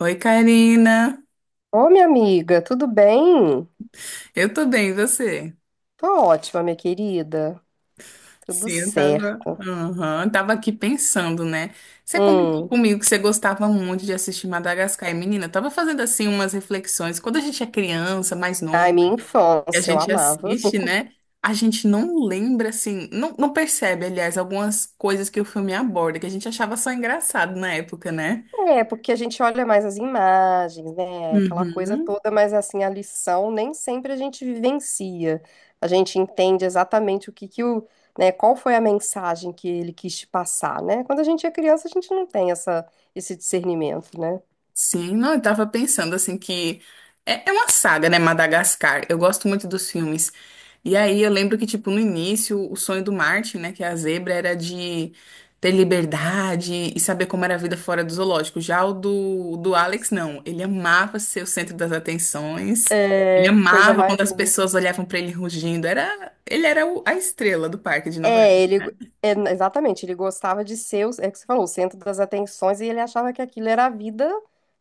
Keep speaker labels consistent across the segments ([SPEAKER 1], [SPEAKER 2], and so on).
[SPEAKER 1] Oi, Karina.
[SPEAKER 2] Ô, minha amiga, tudo bem?
[SPEAKER 1] Eu tô bem, e você?
[SPEAKER 2] Tô ótima, minha querida. Tudo
[SPEAKER 1] Sim,
[SPEAKER 2] certo.
[SPEAKER 1] Aham, eu tava aqui pensando, né? Você comentou
[SPEAKER 2] Hum.
[SPEAKER 1] comigo que você gostava muito de assistir Madagascar. E, menina, eu tava fazendo assim umas reflexões. Quando a gente é criança, mais
[SPEAKER 2] Ai,
[SPEAKER 1] novo,
[SPEAKER 2] minha
[SPEAKER 1] e a
[SPEAKER 2] infância, eu
[SPEAKER 1] gente
[SPEAKER 2] amava.
[SPEAKER 1] assiste, né? A gente não lembra, assim, não, não percebe, aliás, algumas coisas que o filme aborda, que a gente achava só engraçado na época, né?
[SPEAKER 2] É, porque a gente olha mais as imagens, né? Aquela coisa
[SPEAKER 1] Uhum.
[SPEAKER 2] toda, mas assim, a lição nem sempre a gente vivencia. A gente entende exatamente o que que o, né, qual foi a mensagem que ele quis te passar, né? Quando a gente é criança, a gente não tem essa, esse discernimento, né?
[SPEAKER 1] Sim, não, eu tava pensando assim que é, é uma saga, né, Madagascar. Eu gosto muito dos filmes. E aí eu lembro que, tipo, no início, o sonho do Martin, né, que é a zebra, era de ter liberdade e saber como era a vida fora do zoológico. Já o do Alex, não. Ele amava ser o centro das atenções. Ele
[SPEAKER 2] É, coisa
[SPEAKER 1] amava
[SPEAKER 2] mais
[SPEAKER 1] quando as
[SPEAKER 2] linda.
[SPEAKER 1] pessoas olhavam pra ele rugindo. Ele era a estrela do parque de Nova.
[SPEAKER 2] É, ele. É, exatamente, ele gostava de ser, o- é o que você falou, o centro das atenções e ele achava que aquilo era a vida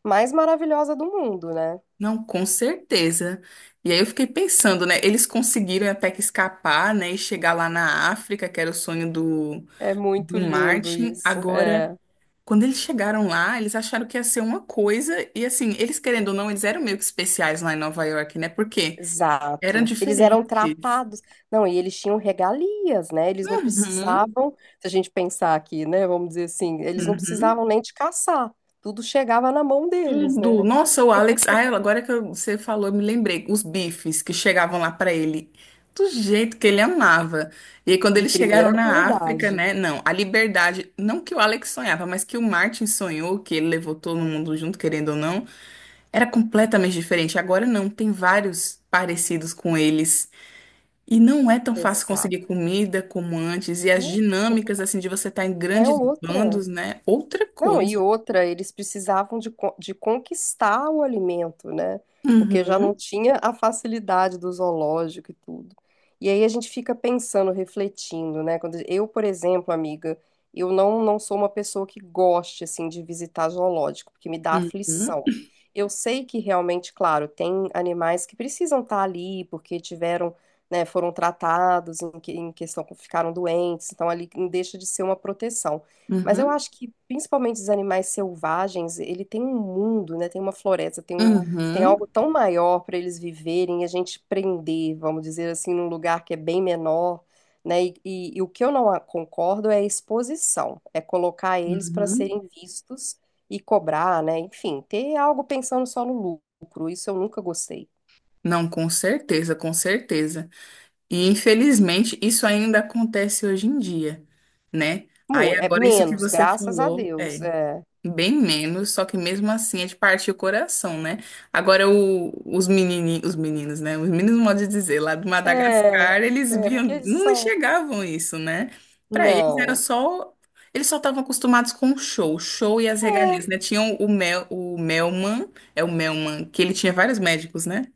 [SPEAKER 2] mais maravilhosa do mundo, né?
[SPEAKER 1] Não, com certeza. E aí eu fiquei pensando, né? Eles conseguiram até que escapar, né? E chegar lá na África, que era o sonho do,
[SPEAKER 2] É muito
[SPEAKER 1] do
[SPEAKER 2] lindo
[SPEAKER 1] Martin.
[SPEAKER 2] isso.
[SPEAKER 1] Agora,
[SPEAKER 2] É,
[SPEAKER 1] quando eles chegaram lá, eles acharam que ia ser uma coisa. E assim, eles querendo ou não, eles eram meio que especiais lá em Nova York, né? Porque eram
[SPEAKER 2] exato. Eles eram
[SPEAKER 1] diferentes.
[SPEAKER 2] tratados. Não, e eles tinham regalias, né? Eles não
[SPEAKER 1] Uhum,
[SPEAKER 2] precisavam, se a gente pensar aqui, né? Vamos dizer assim, eles não
[SPEAKER 1] uhum.
[SPEAKER 2] precisavam nem de caçar. Tudo chegava na mão deles, né?
[SPEAKER 1] Tudo. Nossa, o Alex. Ah, agora que você falou, eu me lembrei. Os bifes que chegavam lá pra ele. Do jeito que ele amava. E aí, quando
[SPEAKER 2] De
[SPEAKER 1] eles chegaram
[SPEAKER 2] primeira
[SPEAKER 1] na África,
[SPEAKER 2] qualidade.
[SPEAKER 1] né? Não, a liberdade. Não que o Alex sonhava, mas que o Martin sonhou, que ele levou todo mundo junto, querendo ou não. Era completamente diferente. Agora não. Tem vários parecidos com eles. E não é tão fácil conseguir
[SPEAKER 2] Exato,
[SPEAKER 1] comida como antes. E as
[SPEAKER 2] né? Porque
[SPEAKER 1] dinâmicas, assim, de você estar em
[SPEAKER 2] é
[SPEAKER 1] grandes
[SPEAKER 2] outra.
[SPEAKER 1] bandos, né? Outra
[SPEAKER 2] Não,
[SPEAKER 1] coisa.
[SPEAKER 2] e outra, eles precisavam de, co- de conquistar o alimento, né? Porque já não
[SPEAKER 1] Uhum,
[SPEAKER 2] tinha a facilidade do zoológico e tudo. E aí a gente fica pensando, refletindo, né? Quando eu, por exemplo, amiga, eu não sou uma pessoa que goste, assim, de visitar zoológico, porque me dá
[SPEAKER 1] uhum,
[SPEAKER 2] aflição. Eu sei que realmente, claro, tem animais que precisam estar ali porque tiveram, né, foram tratados em, que- em questão, ficaram doentes, então ali deixa de ser uma proteção. Mas eu
[SPEAKER 1] uhum.
[SPEAKER 2] acho que principalmente os animais selvagens, ele tem um mundo, né? Tem uma floresta, tem um, tem
[SPEAKER 1] Uhum,
[SPEAKER 2] algo tão maior para eles viverem e a gente prender, vamos dizer assim, num lugar que é bem menor, né? E o que eu não a- concordo é a exposição, é colocar eles para
[SPEAKER 1] uhum.
[SPEAKER 2] serem vistos e cobrar, né? Enfim, ter algo pensando só no lucro, isso eu nunca gostei.
[SPEAKER 1] Não, com certeza, com certeza. E infelizmente isso ainda acontece hoje em dia, né? Aí
[SPEAKER 2] Mu- É
[SPEAKER 1] agora isso que
[SPEAKER 2] menos,
[SPEAKER 1] você
[SPEAKER 2] graças a
[SPEAKER 1] falou,
[SPEAKER 2] Deus.
[SPEAKER 1] é.
[SPEAKER 2] É,
[SPEAKER 1] Bem menos, só que mesmo assim é de partir o coração, né? Agora, os menininhos, os meninos, né? Os meninos, modo de dizer, lá de
[SPEAKER 2] é,
[SPEAKER 1] Madagascar, eles
[SPEAKER 2] é
[SPEAKER 1] viam,
[SPEAKER 2] porque eles
[SPEAKER 1] não
[SPEAKER 2] são.
[SPEAKER 1] enxergavam isso, né? Para eles era
[SPEAKER 2] Não.
[SPEAKER 1] só, eles só estavam acostumados com o show e as
[SPEAKER 2] É,
[SPEAKER 1] regalias, né? Tinham o Melman, é o Melman, que ele tinha vários médicos, né?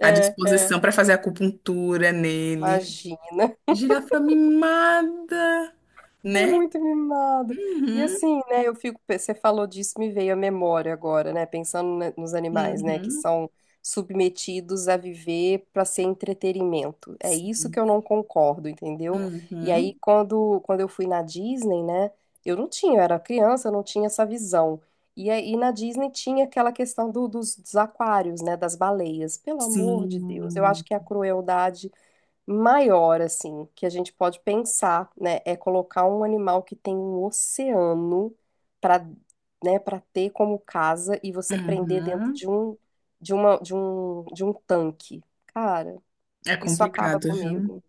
[SPEAKER 1] À
[SPEAKER 2] é.
[SPEAKER 1] disposição para fazer acupuntura nele.
[SPEAKER 2] Imagina,
[SPEAKER 1] Girafa mimada,
[SPEAKER 2] é
[SPEAKER 1] né?
[SPEAKER 2] muito mimado. E
[SPEAKER 1] Uhum,
[SPEAKER 2] assim, né, eu fico, você falou disso, me veio a memória agora, né, pensando na- nos animais, né, que
[SPEAKER 1] uhum,
[SPEAKER 2] são submetidos a viver para ser entretenimento. É isso
[SPEAKER 1] sim,
[SPEAKER 2] que eu não concordo, entendeu? E
[SPEAKER 1] uhum.
[SPEAKER 2] aí, quando eu fui na Disney, né, eu não tinha, eu era criança, eu não tinha essa visão. E aí, na Disney tinha aquela questão do- dos, dos aquários, né, das baleias. Pelo amor de Deus, eu
[SPEAKER 1] Sim.
[SPEAKER 2] acho que a crueldade maior, assim, que a gente pode pensar, né, é colocar um animal que tem um oceano para, né, para ter como casa e você prender dentro de
[SPEAKER 1] Uhum.
[SPEAKER 2] um, de uma, de um tanque. Cara,
[SPEAKER 1] É
[SPEAKER 2] isso acaba
[SPEAKER 1] complicado, viu?
[SPEAKER 2] comigo.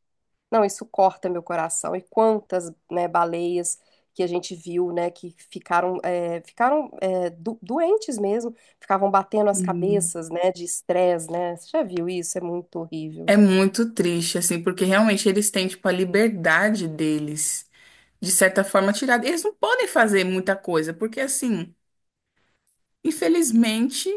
[SPEAKER 2] Não, isso corta meu coração. E quantas, né, baleias que a gente viu, né, que ficaram é, do- doentes mesmo, ficavam batendo as
[SPEAKER 1] Sim.
[SPEAKER 2] cabeças, né, de estresse, né? Você já viu isso? É muito horrível.
[SPEAKER 1] É muito triste, assim, porque realmente eles têm, tipo, a liberdade deles, de certa forma, tirada. Eles não podem fazer muita coisa, porque, assim, infelizmente,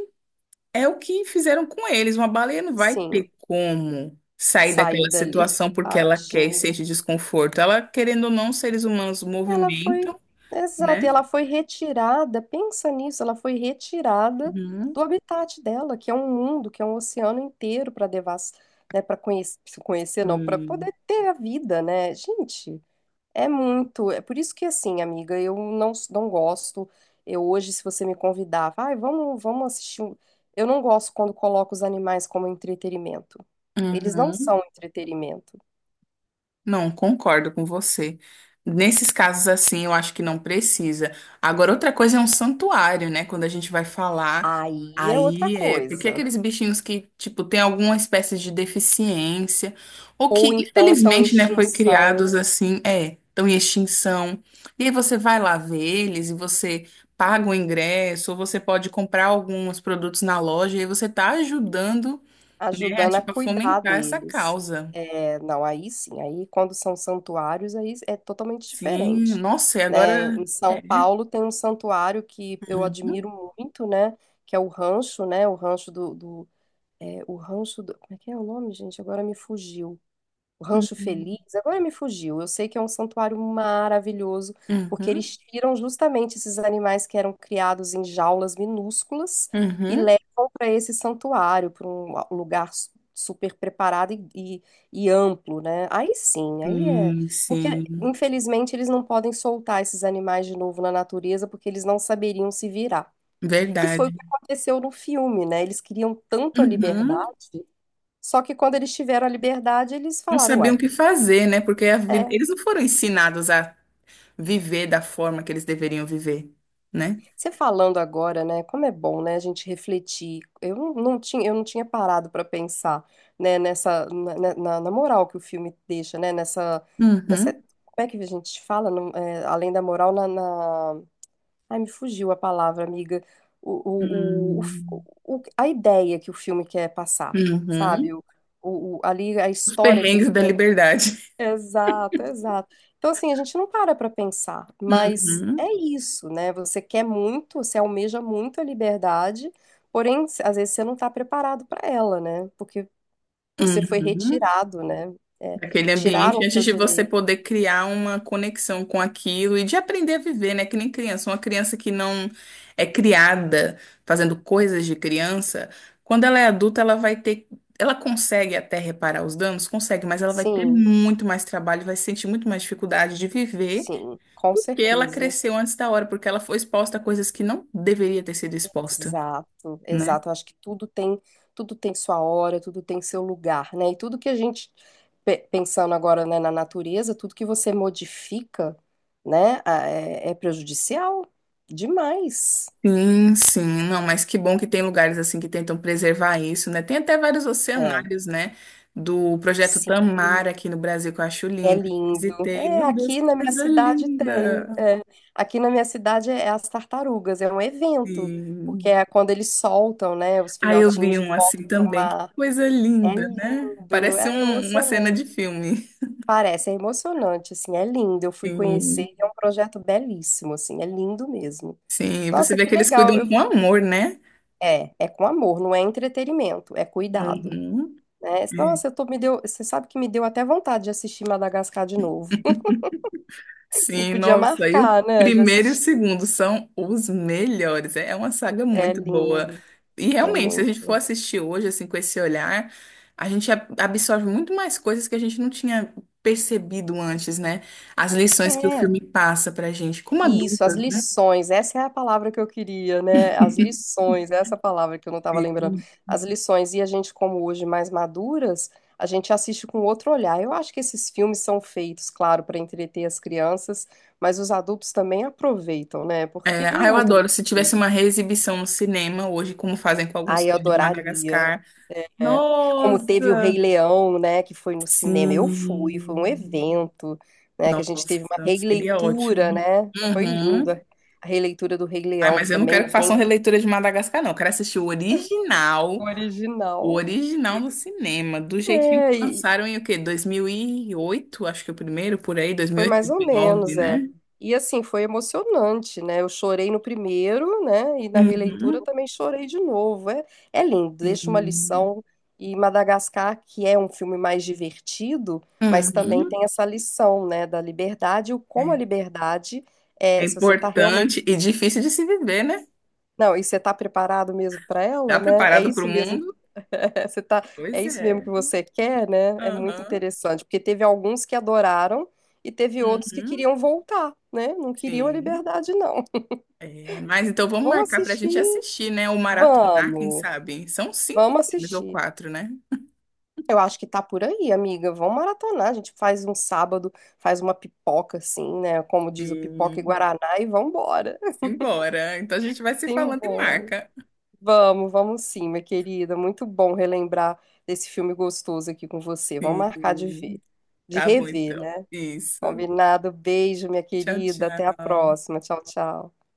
[SPEAKER 1] é o que fizeram com eles. Uma baleia não vai
[SPEAKER 2] Sim.
[SPEAKER 1] ter como sair
[SPEAKER 2] Sair
[SPEAKER 1] daquela
[SPEAKER 2] dali.
[SPEAKER 1] situação porque ela quer e
[SPEAKER 2] Tadinho.
[SPEAKER 1] sente desconforto. Ela, querendo ou não, os seres humanos
[SPEAKER 2] Ela foi,
[SPEAKER 1] movimentam,
[SPEAKER 2] exato, e
[SPEAKER 1] né?
[SPEAKER 2] ela foi retirada, pensa nisso, ela foi retirada do
[SPEAKER 1] Uhum.
[SPEAKER 2] habitat dela, que é um mundo, que é um oceano inteiro para devas, né, para conhecer, conhecer não, para
[SPEAKER 1] Sim.
[SPEAKER 2] poder ter a vida, né? Gente, é muito, é por isso que assim, amiga, eu não gosto. Eu hoje, se você me convidar, vai, vamos, vamos assistir um... Eu não gosto quando coloco os animais como entretenimento. Eles não
[SPEAKER 1] Uhum.
[SPEAKER 2] são entretenimento.
[SPEAKER 1] Não, concordo com você. Nesses casos assim, eu acho que não precisa. Agora, outra coisa é um santuário, né? Quando a gente vai falar,
[SPEAKER 2] Aí é outra
[SPEAKER 1] aí é porque
[SPEAKER 2] coisa.
[SPEAKER 1] aqueles bichinhos que, tipo, tem alguma espécie de deficiência, ou
[SPEAKER 2] Ou
[SPEAKER 1] que,
[SPEAKER 2] então estão em
[SPEAKER 1] infelizmente, né, foi criados
[SPEAKER 2] extinção,
[SPEAKER 1] assim, é, estão em extinção. E aí você vai lá ver eles e você paga o ingresso, ou você pode comprar alguns produtos na loja, e aí você tá ajudando, né, a,
[SPEAKER 2] ajudando a
[SPEAKER 1] tipo, a
[SPEAKER 2] cuidar
[SPEAKER 1] fomentar essa
[SPEAKER 2] deles.
[SPEAKER 1] causa.
[SPEAKER 2] É, não, aí sim, aí quando são santuários, aí é totalmente
[SPEAKER 1] Sim,
[SPEAKER 2] diferente,
[SPEAKER 1] nossa, e agora
[SPEAKER 2] né? Em São
[SPEAKER 1] é.
[SPEAKER 2] Paulo tem um santuário que eu admiro muito, né? Que é o rancho, né? O rancho do é, o rancho do, como é que é o nome, gente? Agora me fugiu. Rancho
[SPEAKER 1] Uhum,
[SPEAKER 2] Feliz, agora me fugiu. Eu sei que é um santuário maravilhoso, porque
[SPEAKER 1] uhum,
[SPEAKER 2] eles tiram justamente esses animais que eram criados em jaulas minúsculas e
[SPEAKER 1] uhum.
[SPEAKER 2] levam para esse santuário, para um lugar su- super preparado e amplo, né? Aí sim, aí é.
[SPEAKER 1] Sim,
[SPEAKER 2] Porque,
[SPEAKER 1] sim,
[SPEAKER 2] infelizmente, eles não podem soltar esses animais de novo na natureza, porque eles não saberiam se virar. Que foi o
[SPEAKER 1] verdade.
[SPEAKER 2] que aconteceu no filme, né? Eles queriam tanto a
[SPEAKER 1] Uhum.
[SPEAKER 2] liberdade, só que quando eles tiveram a liberdade, eles
[SPEAKER 1] Não
[SPEAKER 2] falaram,
[SPEAKER 1] sabiam o
[SPEAKER 2] ué.
[SPEAKER 1] que fazer, né? Porque
[SPEAKER 2] É,
[SPEAKER 1] eles não foram ensinados a viver da forma que eles deveriam viver, né?
[SPEAKER 2] você falando agora, né, como é bom, né, a gente refletir. Eu não tinha, eu não tinha parado para pensar, né, nessa na, na- na- na moral que o filme deixa, né, nessa nessa
[SPEAKER 1] Uhum.
[SPEAKER 2] como é que a gente fala, não- é, além da moral na, na- ai, me fugiu a palavra, amiga. O, o,
[SPEAKER 1] Hum,
[SPEAKER 2] o, o- a ideia que o filme quer passar,
[SPEAKER 1] uhum.
[SPEAKER 2] sabe? O- ali a
[SPEAKER 1] Os
[SPEAKER 2] história que ele
[SPEAKER 1] perrengues da
[SPEAKER 2] quer
[SPEAKER 1] liberdade.
[SPEAKER 2] exato, exato. Então, assim, a gente não para para pensar, mas é
[SPEAKER 1] Uhum.
[SPEAKER 2] isso, né? Você quer muito, você almeja muito a liberdade, porém, às vezes você não está preparado para ela, né? Porque você foi
[SPEAKER 1] Uhum.
[SPEAKER 2] retirado, né? É,
[SPEAKER 1] Aquele
[SPEAKER 2] tiraram
[SPEAKER 1] ambiente
[SPEAKER 2] o
[SPEAKER 1] antes
[SPEAKER 2] teu
[SPEAKER 1] de você
[SPEAKER 2] direito.
[SPEAKER 1] poder criar uma conexão com aquilo e de aprender a viver, né? Que nem criança. Uma criança que não é criada fazendo coisas de criança, quando ela é adulta, ela vai ter. Ela consegue até reparar os danos? Consegue, mas ela vai ter
[SPEAKER 2] Sim,
[SPEAKER 1] muito mais trabalho, vai sentir muito mais dificuldade de viver,
[SPEAKER 2] sim, com
[SPEAKER 1] porque ela
[SPEAKER 2] certeza.
[SPEAKER 1] cresceu antes da hora, porque ela foi exposta a coisas que não deveria ter sido exposta,
[SPEAKER 2] Exato,
[SPEAKER 1] né?
[SPEAKER 2] exato. Eu acho que tudo tem sua hora, tudo tem seu lugar, né? E tudo que a gente, pe- pensando agora, né, na natureza, tudo que você modifica, né, a- é, é prejudicial demais.
[SPEAKER 1] Sim, sim, não, mas que bom que tem lugares assim que tentam preservar isso, né? Tem até vários
[SPEAKER 2] É,
[SPEAKER 1] oceanários, né? Do projeto
[SPEAKER 2] sim,
[SPEAKER 1] Tamara aqui no Brasil, que eu acho
[SPEAKER 2] é
[SPEAKER 1] lindo.
[SPEAKER 2] lindo.
[SPEAKER 1] Visitei,
[SPEAKER 2] É,
[SPEAKER 1] meu Deus,
[SPEAKER 2] aqui
[SPEAKER 1] que
[SPEAKER 2] na minha
[SPEAKER 1] coisa
[SPEAKER 2] cidade tem.
[SPEAKER 1] linda!
[SPEAKER 2] É. Aqui na minha cidade é, as tartarugas, é um evento, porque
[SPEAKER 1] Sim.
[SPEAKER 2] é quando eles soltam, né, os
[SPEAKER 1] Aí eu
[SPEAKER 2] filhotinhos
[SPEAKER 1] vi
[SPEAKER 2] de
[SPEAKER 1] um
[SPEAKER 2] volta
[SPEAKER 1] assim
[SPEAKER 2] para o
[SPEAKER 1] também, que
[SPEAKER 2] mar.
[SPEAKER 1] coisa
[SPEAKER 2] É
[SPEAKER 1] linda, né?
[SPEAKER 2] lindo,
[SPEAKER 1] Parece
[SPEAKER 2] é
[SPEAKER 1] uma cena de
[SPEAKER 2] emocionante.
[SPEAKER 1] filme.
[SPEAKER 2] Parece, é emocionante, assim, é lindo. Eu fui conhecer,
[SPEAKER 1] Sim,
[SPEAKER 2] é um projeto belíssimo, assim, é lindo mesmo.
[SPEAKER 1] sim, você
[SPEAKER 2] Nossa,
[SPEAKER 1] vê que
[SPEAKER 2] que
[SPEAKER 1] eles cuidam
[SPEAKER 2] legal. Eu
[SPEAKER 1] com
[SPEAKER 2] vou...
[SPEAKER 1] amor, né?
[SPEAKER 2] É, é com amor, não é entretenimento, é cuidado,
[SPEAKER 1] Uhum.
[SPEAKER 2] né?
[SPEAKER 1] É.
[SPEAKER 2] Nossa, eu tô, me deu, você sabe que me deu até vontade de assistir Madagascar de novo. A gente
[SPEAKER 1] Sim,
[SPEAKER 2] podia
[SPEAKER 1] nossa, e o
[SPEAKER 2] marcar, né, de
[SPEAKER 1] primeiro e o
[SPEAKER 2] assistir.
[SPEAKER 1] segundo são os melhores. É uma saga
[SPEAKER 2] É
[SPEAKER 1] muito boa.
[SPEAKER 2] lindo,
[SPEAKER 1] E
[SPEAKER 2] é
[SPEAKER 1] realmente, se a gente
[SPEAKER 2] muito.
[SPEAKER 1] for assistir hoje, assim, com esse olhar, a gente absorve muito mais coisas que a gente não tinha percebido antes, né? As lições que o
[SPEAKER 2] É.
[SPEAKER 1] filme passa pra gente, como
[SPEAKER 2] Isso, as
[SPEAKER 1] adultas, né?
[SPEAKER 2] lições, essa é a palavra que eu queria, né? As lições, essa é palavra que eu não estava lembrando.
[SPEAKER 1] Sim.
[SPEAKER 2] As lições, e a gente, como hoje mais maduras, a gente assiste com outro olhar. Eu acho que esses filmes são feitos, claro, para entreter as crianças, mas os adultos também aproveitam, né? Porque
[SPEAKER 1] É, ah,
[SPEAKER 2] é
[SPEAKER 1] eu
[SPEAKER 2] muito
[SPEAKER 1] adoro. Se
[SPEAKER 2] gostoso.
[SPEAKER 1] tivesse uma reexibição no cinema hoje, como fazem com alguns
[SPEAKER 2] Ai, eu
[SPEAKER 1] filmes de
[SPEAKER 2] adoraria.
[SPEAKER 1] Madagascar.
[SPEAKER 2] É. Como teve o Rei
[SPEAKER 1] Nossa!
[SPEAKER 2] Leão, né, que foi no cinema. Eu fui, foi um
[SPEAKER 1] Sim.
[SPEAKER 2] evento, né, que a gente teve uma
[SPEAKER 1] Nossa, seria
[SPEAKER 2] releitura,
[SPEAKER 1] ótimo.
[SPEAKER 2] né? Foi
[SPEAKER 1] Uhum.
[SPEAKER 2] linda a releitura do Rei
[SPEAKER 1] Ai,
[SPEAKER 2] Leão, que
[SPEAKER 1] mas eu não quero
[SPEAKER 2] também
[SPEAKER 1] que
[SPEAKER 2] tem
[SPEAKER 1] façam releitura de Madagascar, não. Eu quero assistir
[SPEAKER 2] o
[SPEAKER 1] o
[SPEAKER 2] original.
[SPEAKER 1] original no cinema, do jeitinho
[SPEAKER 2] É,
[SPEAKER 1] que
[SPEAKER 2] e
[SPEAKER 1] lançaram em o quê? 2008 acho que é o primeiro, por aí, dois
[SPEAKER 2] foi
[SPEAKER 1] mil e
[SPEAKER 2] mais ou
[SPEAKER 1] 2009,
[SPEAKER 2] menos, é.
[SPEAKER 1] né?
[SPEAKER 2] E assim, foi emocionante, né? Eu chorei no primeiro, né? E na releitura
[SPEAKER 1] Uhum.
[SPEAKER 2] também chorei de novo. É, é lindo, deixa uma
[SPEAKER 1] Sim.
[SPEAKER 2] lição. E Madagascar, que é um filme mais divertido, mas também
[SPEAKER 1] Uhum.
[SPEAKER 2] tem essa lição, né? Da liberdade, o como a
[SPEAKER 1] É.
[SPEAKER 2] liberdade
[SPEAKER 1] É
[SPEAKER 2] é, se você tá realmente.
[SPEAKER 1] importante e difícil de se viver, né?
[SPEAKER 2] Não, e você tá preparado mesmo para
[SPEAKER 1] Tá
[SPEAKER 2] ela, né? É
[SPEAKER 1] preparado para o
[SPEAKER 2] isso mesmo.
[SPEAKER 1] mundo?
[SPEAKER 2] Você tá... É
[SPEAKER 1] Pois
[SPEAKER 2] isso mesmo
[SPEAKER 1] é.
[SPEAKER 2] que você quer, né? É muito
[SPEAKER 1] Aham.
[SPEAKER 2] interessante, porque teve alguns que adoraram e teve outros que
[SPEAKER 1] Uhum.
[SPEAKER 2] queriam voltar, né? Não queriam a
[SPEAKER 1] Sim.
[SPEAKER 2] liberdade, não.
[SPEAKER 1] É, mas então vamos
[SPEAKER 2] Vamos
[SPEAKER 1] marcar pra gente
[SPEAKER 2] assistir?
[SPEAKER 1] assistir, né? Ou maratonar, quem
[SPEAKER 2] Vamos,
[SPEAKER 1] sabe? São 5
[SPEAKER 2] vamos
[SPEAKER 1] filmes ou
[SPEAKER 2] assistir.
[SPEAKER 1] 4, né?
[SPEAKER 2] Eu acho que tá por aí, amiga. Vamos maratonar. A gente faz um sábado, faz uma pipoca, assim, né? Como diz o pipoca e
[SPEAKER 1] Sim.
[SPEAKER 2] Guaraná, e vambora.
[SPEAKER 1] Simbora. Então a gente vai se falando e
[SPEAKER 2] Simbora.
[SPEAKER 1] marca.
[SPEAKER 2] Vamos sim, minha querida. Muito bom relembrar desse filme gostoso aqui com você. Vamos marcar de ver,
[SPEAKER 1] Sim.
[SPEAKER 2] de
[SPEAKER 1] Tá bom,
[SPEAKER 2] rever,
[SPEAKER 1] então.
[SPEAKER 2] né?
[SPEAKER 1] Isso.
[SPEAKER 2] Combinado. Beijo, minha
[SPEAKER 1] Tchau,
[SPEAKER 2] querida. Até a
[SPEAKER 1] tchau.
[SPEAKER 2] próxima. Tchau, tchau.